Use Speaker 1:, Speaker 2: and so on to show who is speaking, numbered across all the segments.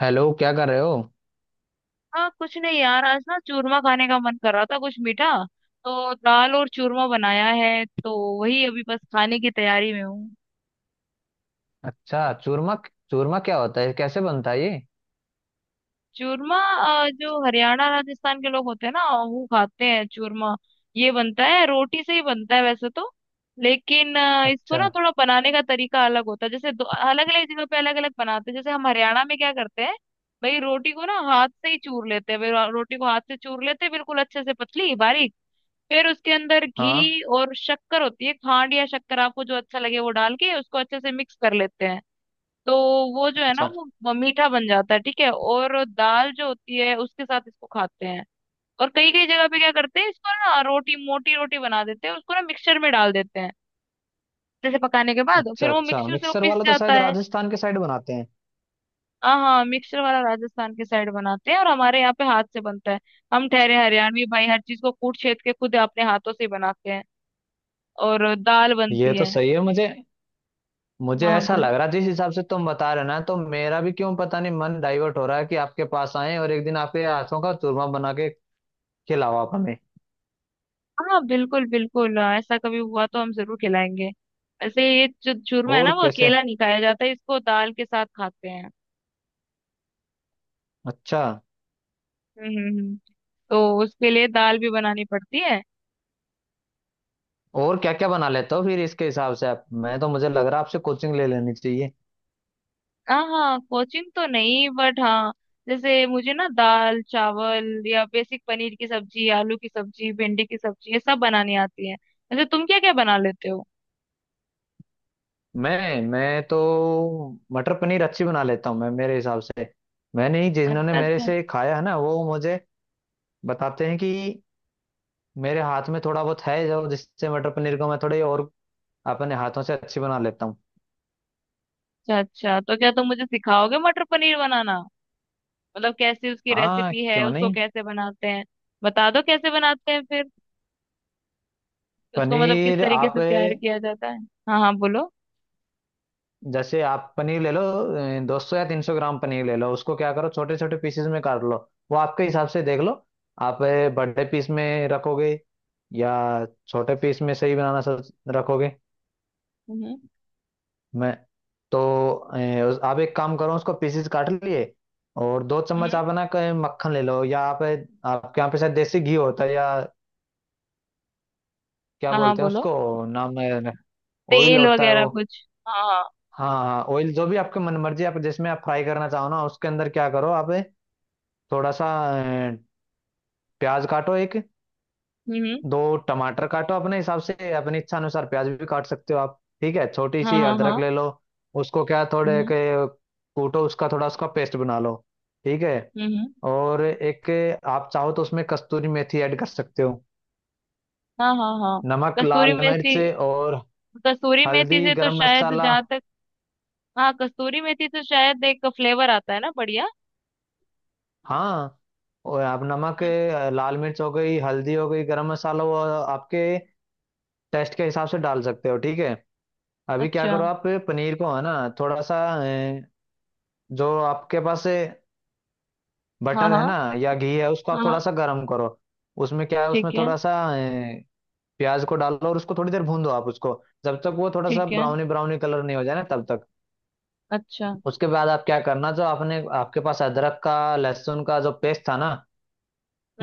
Speaker 1: Hello, क्या कर रहे हो।
Speaker 2: हाँ, कुछ नहीं यार। आज ना चूरमा खाने का मन कर रहा था, कुछ मीठा। तो दाल और चूरमा बनाया है, तो वही अभी बस खाने की तैयारी में हूँ।
Speaker 1: अच्छा, चूरमा। चूरमा क्या होता है, कैसे बनता है ये?
Speaker 2: चूरमा। जो हरियाणा राजस्थान के लोग होते हैं ना, वो खाते हैं चूरमा। ये बनता है, रोटी से ही बनता है वैसे तो। लेकिन इसको
Speaker 1: अच्छा।
Speaker 2: ना थोड़ा बनाने का तरीका अलग होता है। जैसे अलग अलग जगह पे अलग अलग बनाते हैं। जैसे हम हरियाणा में क्या करते हैं, भाई रोटी को ना हाथ से ही चूर लेते हैं। भाई रोटी को हाथ से चूर लेते हैं, बिल्कुल अच्छे से पतली बारीक। फिर उसके अंदर
Speaker 1: हाँ।
Speaker 2: घी और शक्कर होती है, खांड या शक्कर, आपको जो अच्छा लगे वो डाल के उसको अच्छे से मिक्स कर लेते हैं। तो वो जो है ना,
Speaker 1: अच्छा।
Speaker 2: वो मीठा बन जाता है, ठीक है। और दाल जो होती है उसके साथ इसको खाते हैं। और कई कई जगह पे क्या करते हैं, इसको ना रोटी, मोटी रोटी बना देते हैं, उसको ना मिक्सचर में डाल देते हैं। जैसे पकाने के बाद
Speaker 1: अच्छा।
Speaker 2: फिर वो
Speaker 1: अच्छा,
Speaker 2: मिक्सचर से वो
Speaker 1: मिक्सर
Speaker 2: पिस
Speaker 1: वाला तो
Speaker 2: जाता
Speaker 1: शायद
Speaker 2: है।
Speaker 1: राजस्थान के साइड बनाते हैं।
Speaker 2: हाँ हाँ, मिक्सचर वाला राजस्थान के साइड बनाते हैं, और हमारे यहाँ पे हाथ से बनता है। हम ठहरे हरियाणवी भाई, हर चीज को कूट छेद के खुद अपने हाथों से ही बनाते हैं। और दाल
Speaker 1: ये
Speaker 2: बनती
Speaker 1: तो
Speaker 2: है।
Speaker 1: सही है। मुझे मुझे
Speaker 2: हाँ
Speaker 1: ऐसा लग
Speaker 2: बोलो।
Speaker 1: रहा, जिस हिसाब से तुम बता रहे हो ना, तो मेरा भी क्यों पता नहीं मन डाइवर्ट हो रहा है कि आपके पास आए और एक दिन आपके हाथों का चूरमा बना के खिलाओ आप हमें।
Speaker 2: हाँ बिल्कुल बिल्कुल। हाँ, ऐसा कभी हुआ तो हम जरूर खिलाएंगे। वैसे ये जो चूरमा है ना,
Speaker 1: और
Speaker 2: वो
Speaker 1: कैसे?
Speaker 2: अकेला नहीं खाया जाता, इसको दाल के साथ खाते हैं।
Speaker 1: अच्छा।
Speaker 2: हम्म हम्म हम्म। तो उसके लिए दाल भी बनानी पड़ती है।
Speaker 1: और क्या क्या बना लेते हो फिर इसके हिसाब से आप? मैं तो मुझे लग रहा है आपसे कोचिंग ले लेनी चाहिए।
Speaker 2: हाँ हाँ, कोचिंग तो नहीं, बट हाँ, जैसे मुझे ना दाल चावल या बेसिक पनीर की सब्जी, आलू की सब्जी, भिंडी की सब्जी, ये सब बनानी आती है। वैसे तुम क्या क्या बना लेते हो।
Speaker 1: मैं तो मटर पनीर अच्छी बना लेता हूँ मैं, मेरे हिसाब से। मैंने ही, जिन्होंने
Speaker 2: अच्छा
Speaker 1: मेरे
Speaker 2: अच्छा।
Speaker 1: से खाया है ना, वो मुझे बताते हैं कि मेरे हाथ में थोड़ा बहुत है जो, जिससे मटर पनीर को मैं थोड़े और अपने हाथों से अच्छी बना लेता हूँ।
Speaker 2: अच्छा अच्छा, तो क्या तुम मुझे सिखाओगे मटर पनीर बनाना। मतलब कैसी उसकी
Speaker 1: हाँ,
Speaker 2: रेसिपी है,
Speaker 1: क्यों
Speaker 2: उसको
Speaker 1: नहीं।
Speaker 2: कैसे बनाते हैं। बता दो कैसे बनाते हैं फिर। उसको मतलब किस
Speaker 1: पनीर
Speaker 2: तरीके
Speaker 1: आप,
Speaker 2: से तैयार किया जाता है। हाँ हाँ बोलो।
Speaker 1: जैसे आप पनीर ले लो, 200 या 300 ग्राम पनीर ले लो। उसको क्या करो, छोटे छोटे पीसेस में काट लो। वो आपके हिसाब से देख लो आप, बड़े पीस में रखोगे या छोटे पीस में, सही बनाना सब, रखोगे।
Speaker 2: हम्म
Speaker 1: मैं तो आप एक काम करो, उसको पीसेस काट लिए और दो चम्मच
Speaker 2: हम्म।
Speaker 1: आप, है ना, मक्खन ले लो। या आप, आपके यहाँ पे शायद देसी घी होता है, या क्या
Speaker 2: हाँ हाँ
Speaker 1: बोलते हैं
Speaker 2: बोलो।
Speaker 1: उसको, नाम है ऑयल
Speaker 2: तेल
Speaker 1: होता है
Speaker 2: वगैरह
Speaker 1: वो।
Speaker 2: कुछ, हाँ हाँ।
Speaker 1: हाँ हाँ, ऑयल, जो भी आपके मन मर्जी आप, जिसमें आप फ्राई करना चाहो ना, उसके अंदर क्या करो आप, थोड़ा सा ए, प्याज काटो, एक
Speaker 2: हम्म।
Speaker 1: दो टमाटर काटो अपने हिसाब से, अपनी इच्छा अनुसार प्याज भी काट सकते हो आप, ठीक है। छोटी
Speaker 2: हाँ
Speaker 1: सी
Speaker 2: हाँ हाँ।
Speaker 1: अदरक ले लो, उसको क्या थोड़े
Speaker 2: हम्म
Speaker 1: के कूटो, उसका थोड़ा उसका पेस्ट बना लो, ठीक है।
Speaker 2: हम्म।
Speaker 1: और एक, आप चाहो तो उसमें कस्तूरी मेथी ऐड कर सकते हो,
Speaker 2: हाँ हाँ हाँ।
Speaker 1: नमक,
Speaker 2: कसूरी
Speaker 1: लाल
Speaker 2: मेथी।
Speaker 1: मिर्च और
Speaker 2: कसूरी मेथी
Speaker 1: हल्दी,
Speaker 2: से तो
Speaker 1: गरम
Speaker 2: शायद
Speaker 1: मसाला।
Speaker 2: जहाँ तक, हाँ कसूरी मेथी तो शायद एक फ्लेवर आता है ना बढ़िया।
Speaker 1: हाँ, और आप नमक, लाल मिर्च हो गई, हल्दी हो गई, गरम मसाला, वो आपके टेस्ट के हिसाब से डाल सकते हो, ठीक है। अभी क्या
Speaker 2: अच्छा।
Speaker 1: करो, आप पनीर को है ना, थोड़ा सा, जो आपके पास
Speaker 2: हाँ
Speaker 1: बटर है
Speaker 2: हाँ
Speaker 1: ना या घी है, उसको आप थोड़ा
Speaker 2: हाँ।
Speaker 1: सा गर्म करो। उसमें क्या है, उसमें
Speaker 2: ठीक है।
Speaker 1: थोड़ा सा प्याज को डालो और उसको थोड़ी देर भून दो आप, उसको जब तक वो थोड़ा सा
Speaker 2: ठीक है,
Speaker 1: ब्राउनी ब्राउनी कलर नहीं हो जाए ना, तब तक।
Speaker 2: अच्छा।
Speaker 1: उसके बाद आप क्या करना, जो आपने, आपके पास अदरक का लहसुन का जो पेस्ट था ना,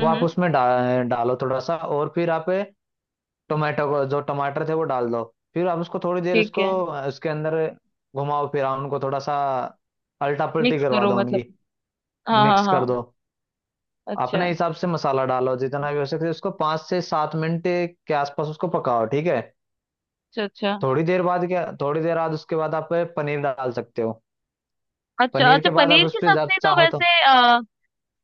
Speaker 1: वो आप उसमें डालो थोड़ा सा। और फिर आप टोमेटो को, जो टमाटर थे, वो डाल दो। फिर आप उसको थोड़ी देर
Speaker 2: ठीक
Speaker 1: उसको
Speaker 2: है।
Speaker 1: उसके अंदर घुमाओ फिराओ उनको, थोड़ा सा अल्टा पल्टी
Speaker 2: मिक्स
Speaker 1: करवा
Speaker 2: करो
Speaker 1: दो
Speaker 2: मतलब,
Speaker 1: उनकी,
Speaker 2: हाँ हाँ
Speaker 1: मिक्स कर
Speaker 2: हाँ।
Speaker 1: दो।
Speaker 2: अच्छा
Speaker 1: अपने हिसाब से मसाला डालो जितना भी हो सके। उसको 5 से 7 मिनट के आसपास उसको पकाओ, ठीक है।
Speaker 2: अच्छा। अच्छा।
Speaker 1: थोड़ी देर बाद, उसके बाद आप पनीर डाल सकते हो।
Speaker 2: अच्छा
Speaker 1: पनीर
Speaker 2: अच्छा,
Speaker 1: के बाद आप
Speaker 2: पनीर
Speaker 1: उस
Speaker 2: की
Speaker 1: पर
Speaker 2: सब्जी तो
Speaker 1: चाहो
Speaker 2: वैसे
Speaker 1: तो।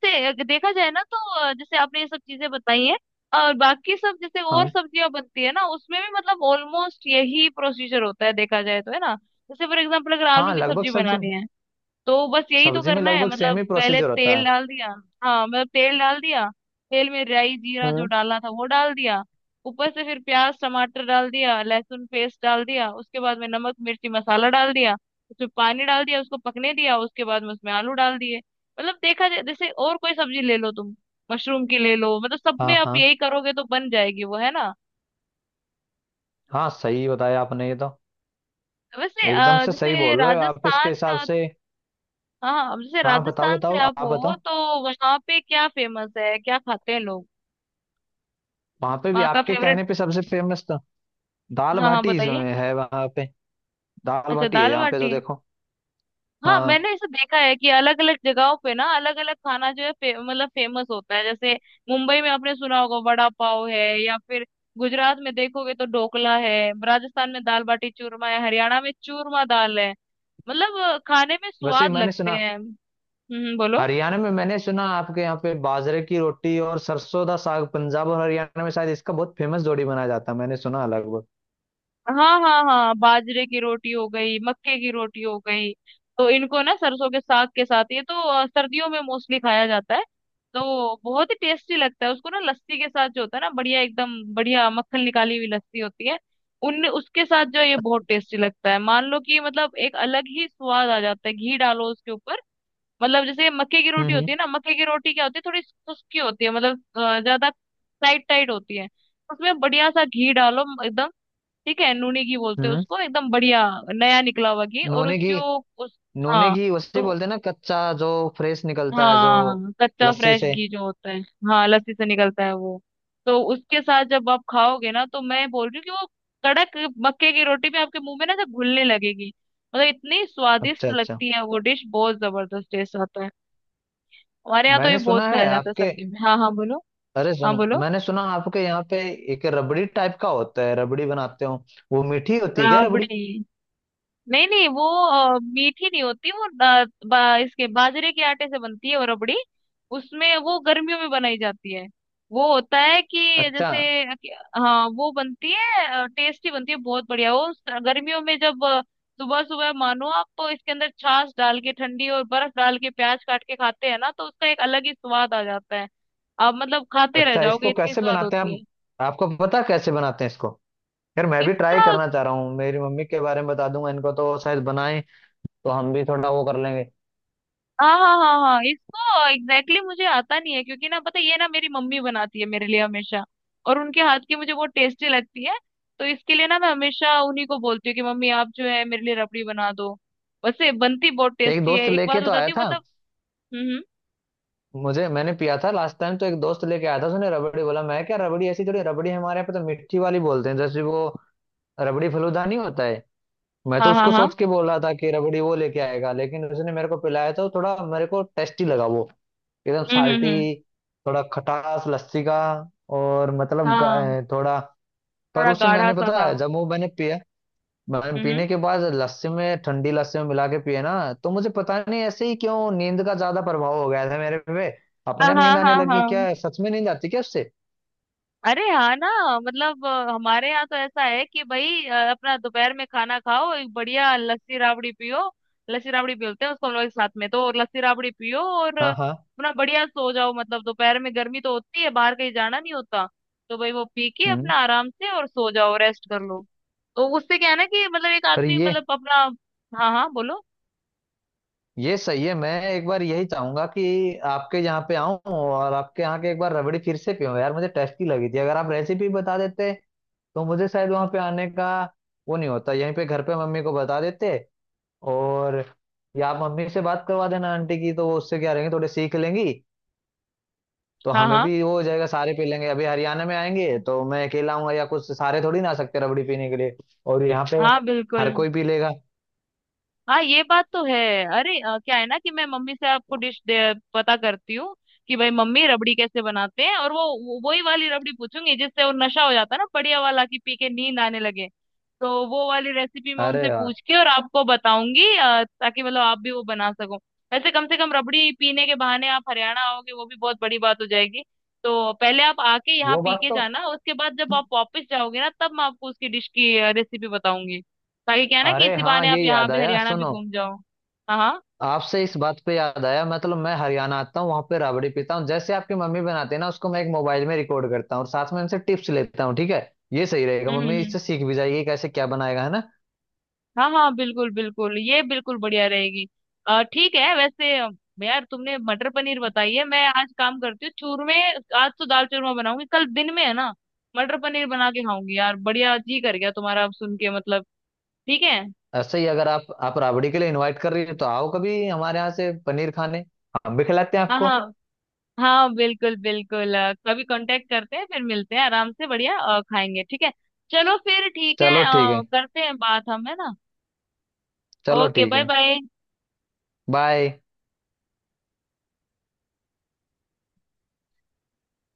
Speaker 2: से अगर देखा जाए ना तो, जैसे आपने ये सब चीजें बताई हैं, और बाकी सब जैसे और
Speaker 1: हाँ
Speaker 2: सब्जियां बनती है ना, उसमें भी मतलब ऑलमोस्ट यही प्रोसीजर होता है देखा जाए तो, है ना। जैसे फॉर एग्जांपल अगर आलू
Speaker 1: हाँ,
Speaker 2: की
Speaker 1: लगभग
Speaker 2: सब्जी
Speaker 1: सब्जी,
Speaker 2: बनानी है, तो बस यही तो
Speaker 1: सब्जी में
Speaker 2: करना है।
Speaker 1: लगभग सेम
Speaker 2: मतलब
Speaker 1: ही
Speaker 2: पहले
Speaker 1: प्रोसीजर होता
Speaker 2: तेल
Speaker 1: है।
Speaker 2: डाल दिया। हाँ मतलब तेल डाल दिया, तेल में राई जीरा जो
Speaker 1: हम्म।
Speaker 2: डालना था वो डाल दिया। ऊपर से फिर प्याज टमाटर डाल दिया, लहसुन पेस्ट डाल दिया, उसके बाद में नमक मिर्ची मसाला डाल दिया। उसमें पानी डाल दिया, उसको पकने दिया, उसके बाद में उसमें आलू डाल दिए। मतलब देखा जाए, जैसे और कोई सब्जी ले लो तुम, मशरूम की ले लो, मतलब सब
Speaker 1: हाँ
Speaker 2: में आप
Speaker 1: हाँ
Speaker 2: यही करोगे तो बन जाएगी वो, है ना।
Speaker 1: हाँ, सही बताया आपने ये तो,
Speaker 2: वैसे
Speaker 1: एकदम से सही
Speaker 2: जैसे
Speaker 1: बोल रहे हो आप इसके
Speaker 2: राजस्थान,
Speaker 1: हिसाब से।
Speaker 2: हाँ अब जैसे
Speaker 1: हाँ, बताओ
Speaker 2: राजस्थान से
Speaker 1: बताओ,
Speaker 2: आप
Speaker 1: आप
Speaker 2: हो
Speaker 1: बताओ।
Speaker 2: तो, वहाँ पे क्या फेमस है, क्या खाते हैं लोग,
Speaker 1: वहाँ पे भी
Speaker 2: वहाँ का
Speaker 1: आपके
Speaker 2: फेवरेट।
Speaker 1: कहने पे सबसे फेमस तो दाल
Speaker 2: हाँ हाँ
Speaker 1: बाटी जो
Speaker 2: बताइए।
Speaker 1: है वहाँ पे, दाल
Speaker 2: अच्छा
Speaker 1: बाटी है।
Speaker 2: दाल
Speaker 1: यहाँ पे तो
Speaker 2: बाटी है।
Speaker 1: देखो,
Speaker 2: हाँ
Speaker 1: हाँ,
Speaker 2: मैंने ऐसा देखा है कि अलग अलग जगहों पे ना अलग अलग खाना जो है मतलब फेमस होता है। जैसे मुंबई में आपने सुना होगा वड़ा पाव है, या फिर गुजरात में देखोगे तो ढोकला है, राजस्थान में दाल बाटी चूरमा है, हरियाणा में चूरमा दाल है। मतलब खाने में
Speaker 1: वैसे
Speaker 2: स्वाद
Speaker 1: मैंने
Speaker 2: लगते
Speaker 1: सुना
Speaker 2: हैं। बोलो।
Speaker 1: हरियाणा में, मैंने सुना आपके यहाँ पे बाजरे की रोटी और सरसों का साग, पंजाब और हरियाणा में शायद इसका बहुत फेमस जोड़ी बनाया जाता है, मैंने सुना लगभग।
Speaker 2: हाँ हाँ हाँ, बाजरे की रोटी हो गई, मक्के की रोटी हो गई, तो इनको ना सरसों के साग के साथ, ये तो सर्दियों में मोस्टली खाया जाता है। तो बहुत ही टेस्टी लगता है, उसको ना लस्सी के साथ जो होता है ना, बढ़िया एकदम बढ़िया मक्खन निकाली हुई लस्सी होती है, उन उसके साथ जो है ये बहुत टेस्टी लगता है। मान लो कि मतलब एक अलग ही स्वाद आ जाता है, घी डालो उसके ऊपर। मतलब जैसे मक्के की
Speaker 1: हम्म
Speaker 2: रोटी
Speaker 1: हम्म
Speaker 2: होती है ना, मक्के की रोटी क्या होती है थोड़ी खुश्की होती है, मतलब ज्यादा टाइट टाइट होती है। उसमें बढ़िया सा घी डालो एकदम, ठीक है, नूनी घी बोलते हैं
Speaker 1: हम्म।
Speaker 2: उसको, एकदम बढ़िया नया निकला हुआ घी, और
Speaker 1: नोने की,
Speaker 2: उसकी वो उस,
Speaker 1: नूने
Speaker 2: हाँ।
Speaker 1: घी उसे
Speaker 2: तो
Speaker 1: बोलते हैं ना, कच्चा जो फ्रेश निकलता है जो
Speaker 2: हाँ कच्चा
Speaker 1: लस्सी
Speaker 2: फ्रेश
Speaker 1: से।
Speaker 2: घी जो होता है। हाँ लस्सी से निकलता है वो। तो उसके साथ जब आप खाओगे ना, तो मैं बोल रही हूँ कि वो कड़क मक्के की रोटी भी आपके मुंह में ना ऐसे घुलने लगेगी, मतलब इतनी
Speaker 1: अच्छा
Speaker 2: स्वादिष्ट
Speaker 1: अच्छा।
Speaker 2: लगती है वो डिश, बहुत जबरदस्त टेस्ट आता है। हमारे यहाँ तो ये
Speaker 1: मैंने
Speaker 2: बहुत
Speaker 1: सुना
Speaker 2: खाया
Speaker 1: है
Speaker 2: जाता है
Speaker 1: आपके,
Speaker 2: सर्दी में। हाँ हाँ बोलो।
Speaker 1: अरे
Speaker 2: हाँ
Speaker 1: सुनो,
Speaker 2: बोलो।
Speaker 1: मैंने सुना आपके यहाँ पे एक रबड़ी टाइप का होता है, रबड़ी बनाते हो। वो मीठी होती है क्या, रबड़ी?
Speaker 2: राबड़ी? नहीं नहीं, वो मीठी नहीं होती, वो इसके बाजरे के आटे से बनती है वो रबड़ी। उसमें वो गर्मियों में बनाई जाती है। वो होता है कि
Speaker 1: अच्छा
Speaker 2: जैसे हाँ वो बनती है, टेस्टी बनती है बहुत बढ़िया। वो गर्मियों में जब सुबह सुबह मानो आप तो इसके अंदर छाछ डाल के ठंडी और बर्फ डाल के प्याज काट के खाते हैं ना, तो उसका एक अलग ही स्वाद आ जाता है। आप मतलब खाते रह
Speaker 1: अच्छा,
Speaker 2: जाओगे,
Speaker 1: इसको
Speaker 2: इतनी
Speaker 1: कैसे
Speaker 2: स्वाद
Speaker 1: बनाते हैं
Speaker 2: होती
Speaker 1: आप?
Speaker 2: है।
Speaker 1: आपको पता है कैसे बनाते हैं इसको? यार मैं भी ट्राई
Speaker 2: इसका,
Speaker 1: करना चाह रहा हूँ, मेरी मम्मी के बारे में बता दूंगा इनको तो शायद बनाएं, तो हम भी थोड़ा वो कर लेंगे।
Speaker 2: हाँ हाँ हाँ हाँ इसको, एग्जैक्टली exactly मुझे आता नहीं है, क्योंकि ना पता है, ये ना मेरी मम्मी बनाती है मेरे लिए हमेशा, और उनके हाथ की मुझे बहुत टेस्टी लगती है। तो इसके लिए ना मैं हमेशा उन्हीं को बोलती हूँ कि मम्मी आप जो है मेरे लिए रबड़ी बना दो। वैसे बनती बहुत
Speaker 1: एक
Speaker 2: टेस्टी है,
Speaker 1: दोस्त
Speaker 2: एक
Speaker 1: लेके
Speaker 2: बात
Speaker 1: तो आया
Speaker 2: बताती हूँ
Speaker 1: था
Speaker 2: मतलब। हम्म हम्म,
Speaker 1: मुझे, मैंने पिया था लास्ट टाइम, तो एक दोस्त लेके आया था, उसने रबड़ी बोला, मैं क्या, रबड़ी ऐसी थोड़ी, रबड़ी हमारे यहाँ पे तो मिट्टी वाली बोलते हैं जैसे वो, रबड़ी फलूदा नहीं होता है। मैं तो
Speaker 2: हाँ हाँ
Speaker 1: उसको
Speaker 2: हाँ।
Speaker 1: सोच के बोल रहा था कि रबड़ी वो लेके आएगा, लेकिन उसने मेरे को पिलाया तो थोड़ा मेरे को टेस्टी लगा वो, एकदम साल्टी,
Speaker 2: हम्म।
Speaker 1: थोड़ा खटास लस्सी का, और मतलब
Speaker 2: हाँ
Speaker 1: थोड़ा। पर
Speaker 2: थोड़ा
Speaker 1: उसे
Speaker 2: गाढ़ा
Speaker 1: मैंने,
Speaker 2: सा
Speaker 1: पता
Speaker 2: था।
Speaker 1: है, जब वो मैंने पिया, मैम
Speaker 2: हम्म हम्म,
Speaker 1: पीने के बाद लस्सी में, ठंडी लस्सी में मिला के पिए ना, तो मुझे पता नहीं ऐसे ही क्यों नींद का ज्यादा प्रभाव हो गया था मेरे पे,
Speaker 2: हाँ
Speaker 1: अपने आप
Speaker 2: हाँ
Speaker 1: नींद आने
Speaker 2: हाँ
Speaker 1: लगी,
Speaker 2: हाँ।
Speaker 1: क्या है? सच में नींद आती क्या उससे?
Speaker 2: अरे हाँ ना, मतलब हमारे यहाँ तो ऐसा है कि भाई, अपना दोपहर में खाना खाओ, एक बढ़िया लस्सी राबड़ी पियो, लस्सी राबड़ी बोलते हैं उसको हम लोग एक साथ में, तो लस्सी राबड़ी पियो और
Speaker 1: हाँ हाँ।
Speaker 2: अपना बढ़िया सो जाओ। मतलब दोपहर में गर्मी तो होती है, बाहर कहीं जाना नहीं होता, तो भाई वो पी के
Speaker 1: हम्म।
Speaker 2: अपना आराम से और सो जाओ, रेस्ट कर लो। तो उससे क्या है ना कि मतलब एक
Speaker 1: पर
Speaker 2: आदमी
Speaker 1: ये
Speaker 2: मतलब अपना, हाँ हाँ बोलो।
Speaker 1: ये सही है, मैं एक बार यही चाहूंगा कि आपके यहाँ पे आऊं और आपके यहाँ के एक बार रबड़ी फिर से पीऊं, यार मुझे टेस्टी लगी थी। अगर आप रेसिपी बता देते, तो मुझे शायद वहां पे आने का वो नहीं होता, यहीं पे घर पे मम्मी को बता देते। और, या आप मम्मी से बात करवा देना आंटी की, तो वो उससे क्या रहेंगे, थोड़े सीख लेंगी, तो
Speaker 2: हाँ
Speaker 1: हमें
Speaker 2: हाँ
Speaker 1: भी वो हो जाएगा, सारे पी लेंगे। अभी हरियाणा में आएंगे तो मैं अकेला आऊंगा या कुछ, सारे थोड़ी ना आ सकते रबड़ी पीने के लिए। और यहाँ पे
Speaker 2: हाँ
Speaker 1: हर
Speaker 2: बिल्कुल।
Speaker 1: कोई पी लेगा।
Speaker 2: हाँ ये बात तो है। अरे क्या है ना कि मैं मम्मी से आपको डिश पता करती हूँ, कि भाई मम्मी रबड़ी कैसे बनाते हैं, और वही वाली रबड़ी पूछूंगी जिससे वो नशा हो जाता है ना बढ़िया वाला, कि पी के नींद आने लगे। तो वो वाली रेसिपी मैं
Speaker 1: अरे
Speaker 2: उनसे
Speaker 1: यार,
Speaker 2: पूछ के और आपको बताऊंगी, ताकि मतलब आप भी वो बना सको। वैसे कम से कम रबड़ी पीने के बहाने आप हरियाणा आओगे, वो भी बहुत बड़ी बात हो जाएगी। तो पहले आप आके यहाँ
Speaker 1: वो
Speaker 2: पी
Speaker 1: बात
Speaker 2: के
Speaker 1: तो,
Speaker 2: जाना, उसके बाद जब आप वापस जाओगे ना, तब मैं आपको उसकी डिश की रेसिपी बताऊंगी, ताकि क्या है ना कि
Speaker 1: अरे
Speaker 2: इसी
Speaker 1: हाँ
Speaker 2: बहाने आप
Speaker 1: ये
Speaker 2: यहाँ
Speaker 1: याद
Speaker 2: भी,
Speaker 1: आया,
Speaker 2: हरियाणा भी
Speaker 1: सुनो,
Speaker 2: घूम जाओ। हाँ हाँ।
Speaker 1: आपसे इस बात पे याद आया, मतलब मैं हरियाणा आता हूँ, वहां पे राबड़ी पीता हूँ जैसे आपकी मम्मी बनाते हैं ना, उसको मैं एक मोबाइल में रिकॉर्ड करता हूँ और साथ में इनसे टिप्स लेता हूँ, ठीक है। ये सही रहेगा,
Speaker 2: हम्म
Speaker 1: मम्मी
Speaker 2: हम्म,
Speaker 1: इससे सीख भी जाएगी कैसे क्या बनाएगा, है ना।
Speaker 2: हाँ हाँ बिल्कुल बिल्कुल, ये बिल्कुल बढ़िया रहेगी। ठीक है। वैसे यार तुमने मटर पनीर बताई है, मैं आज काम करती हूँ चूरमे, आज तो दाल चूरमा बनाऊंगी, कल दिन में है ना मटर पनीर बना के खाऊंगी। यार बढ़िया जी कर गया तुम्हारा अब सुन के मतलब। ठीक है।
Speaker 1: ऐसे ही अगर आप राबड़ी के लिए इनवाइट कर रही हो, तो आओ कभी हमारे यहाँ से पनीर खाने, हम भी खिलाते हैं
Speaker 2: हाँ
Speaker 1: आपको।
Speaker 2: हाँ। हाँ बिल्कुल बिल्कुल, कभी कांटेक्ट करते हैं, फिर मिलते हैं आराम से, बढ़िया खाएंगे, ठीक है। चलो फिर ठीक है,
Speaker 1: चलो ठीक है।
Speaker 2: करते हैं बात हम, है ना।
Speaker 1: चलो
Speaker 2: ओके
Speaker 1: ठीक
Speaker 2: बाय
Speaker 1: है।
Speaker 2: बाय।
Speaker 1: बाय।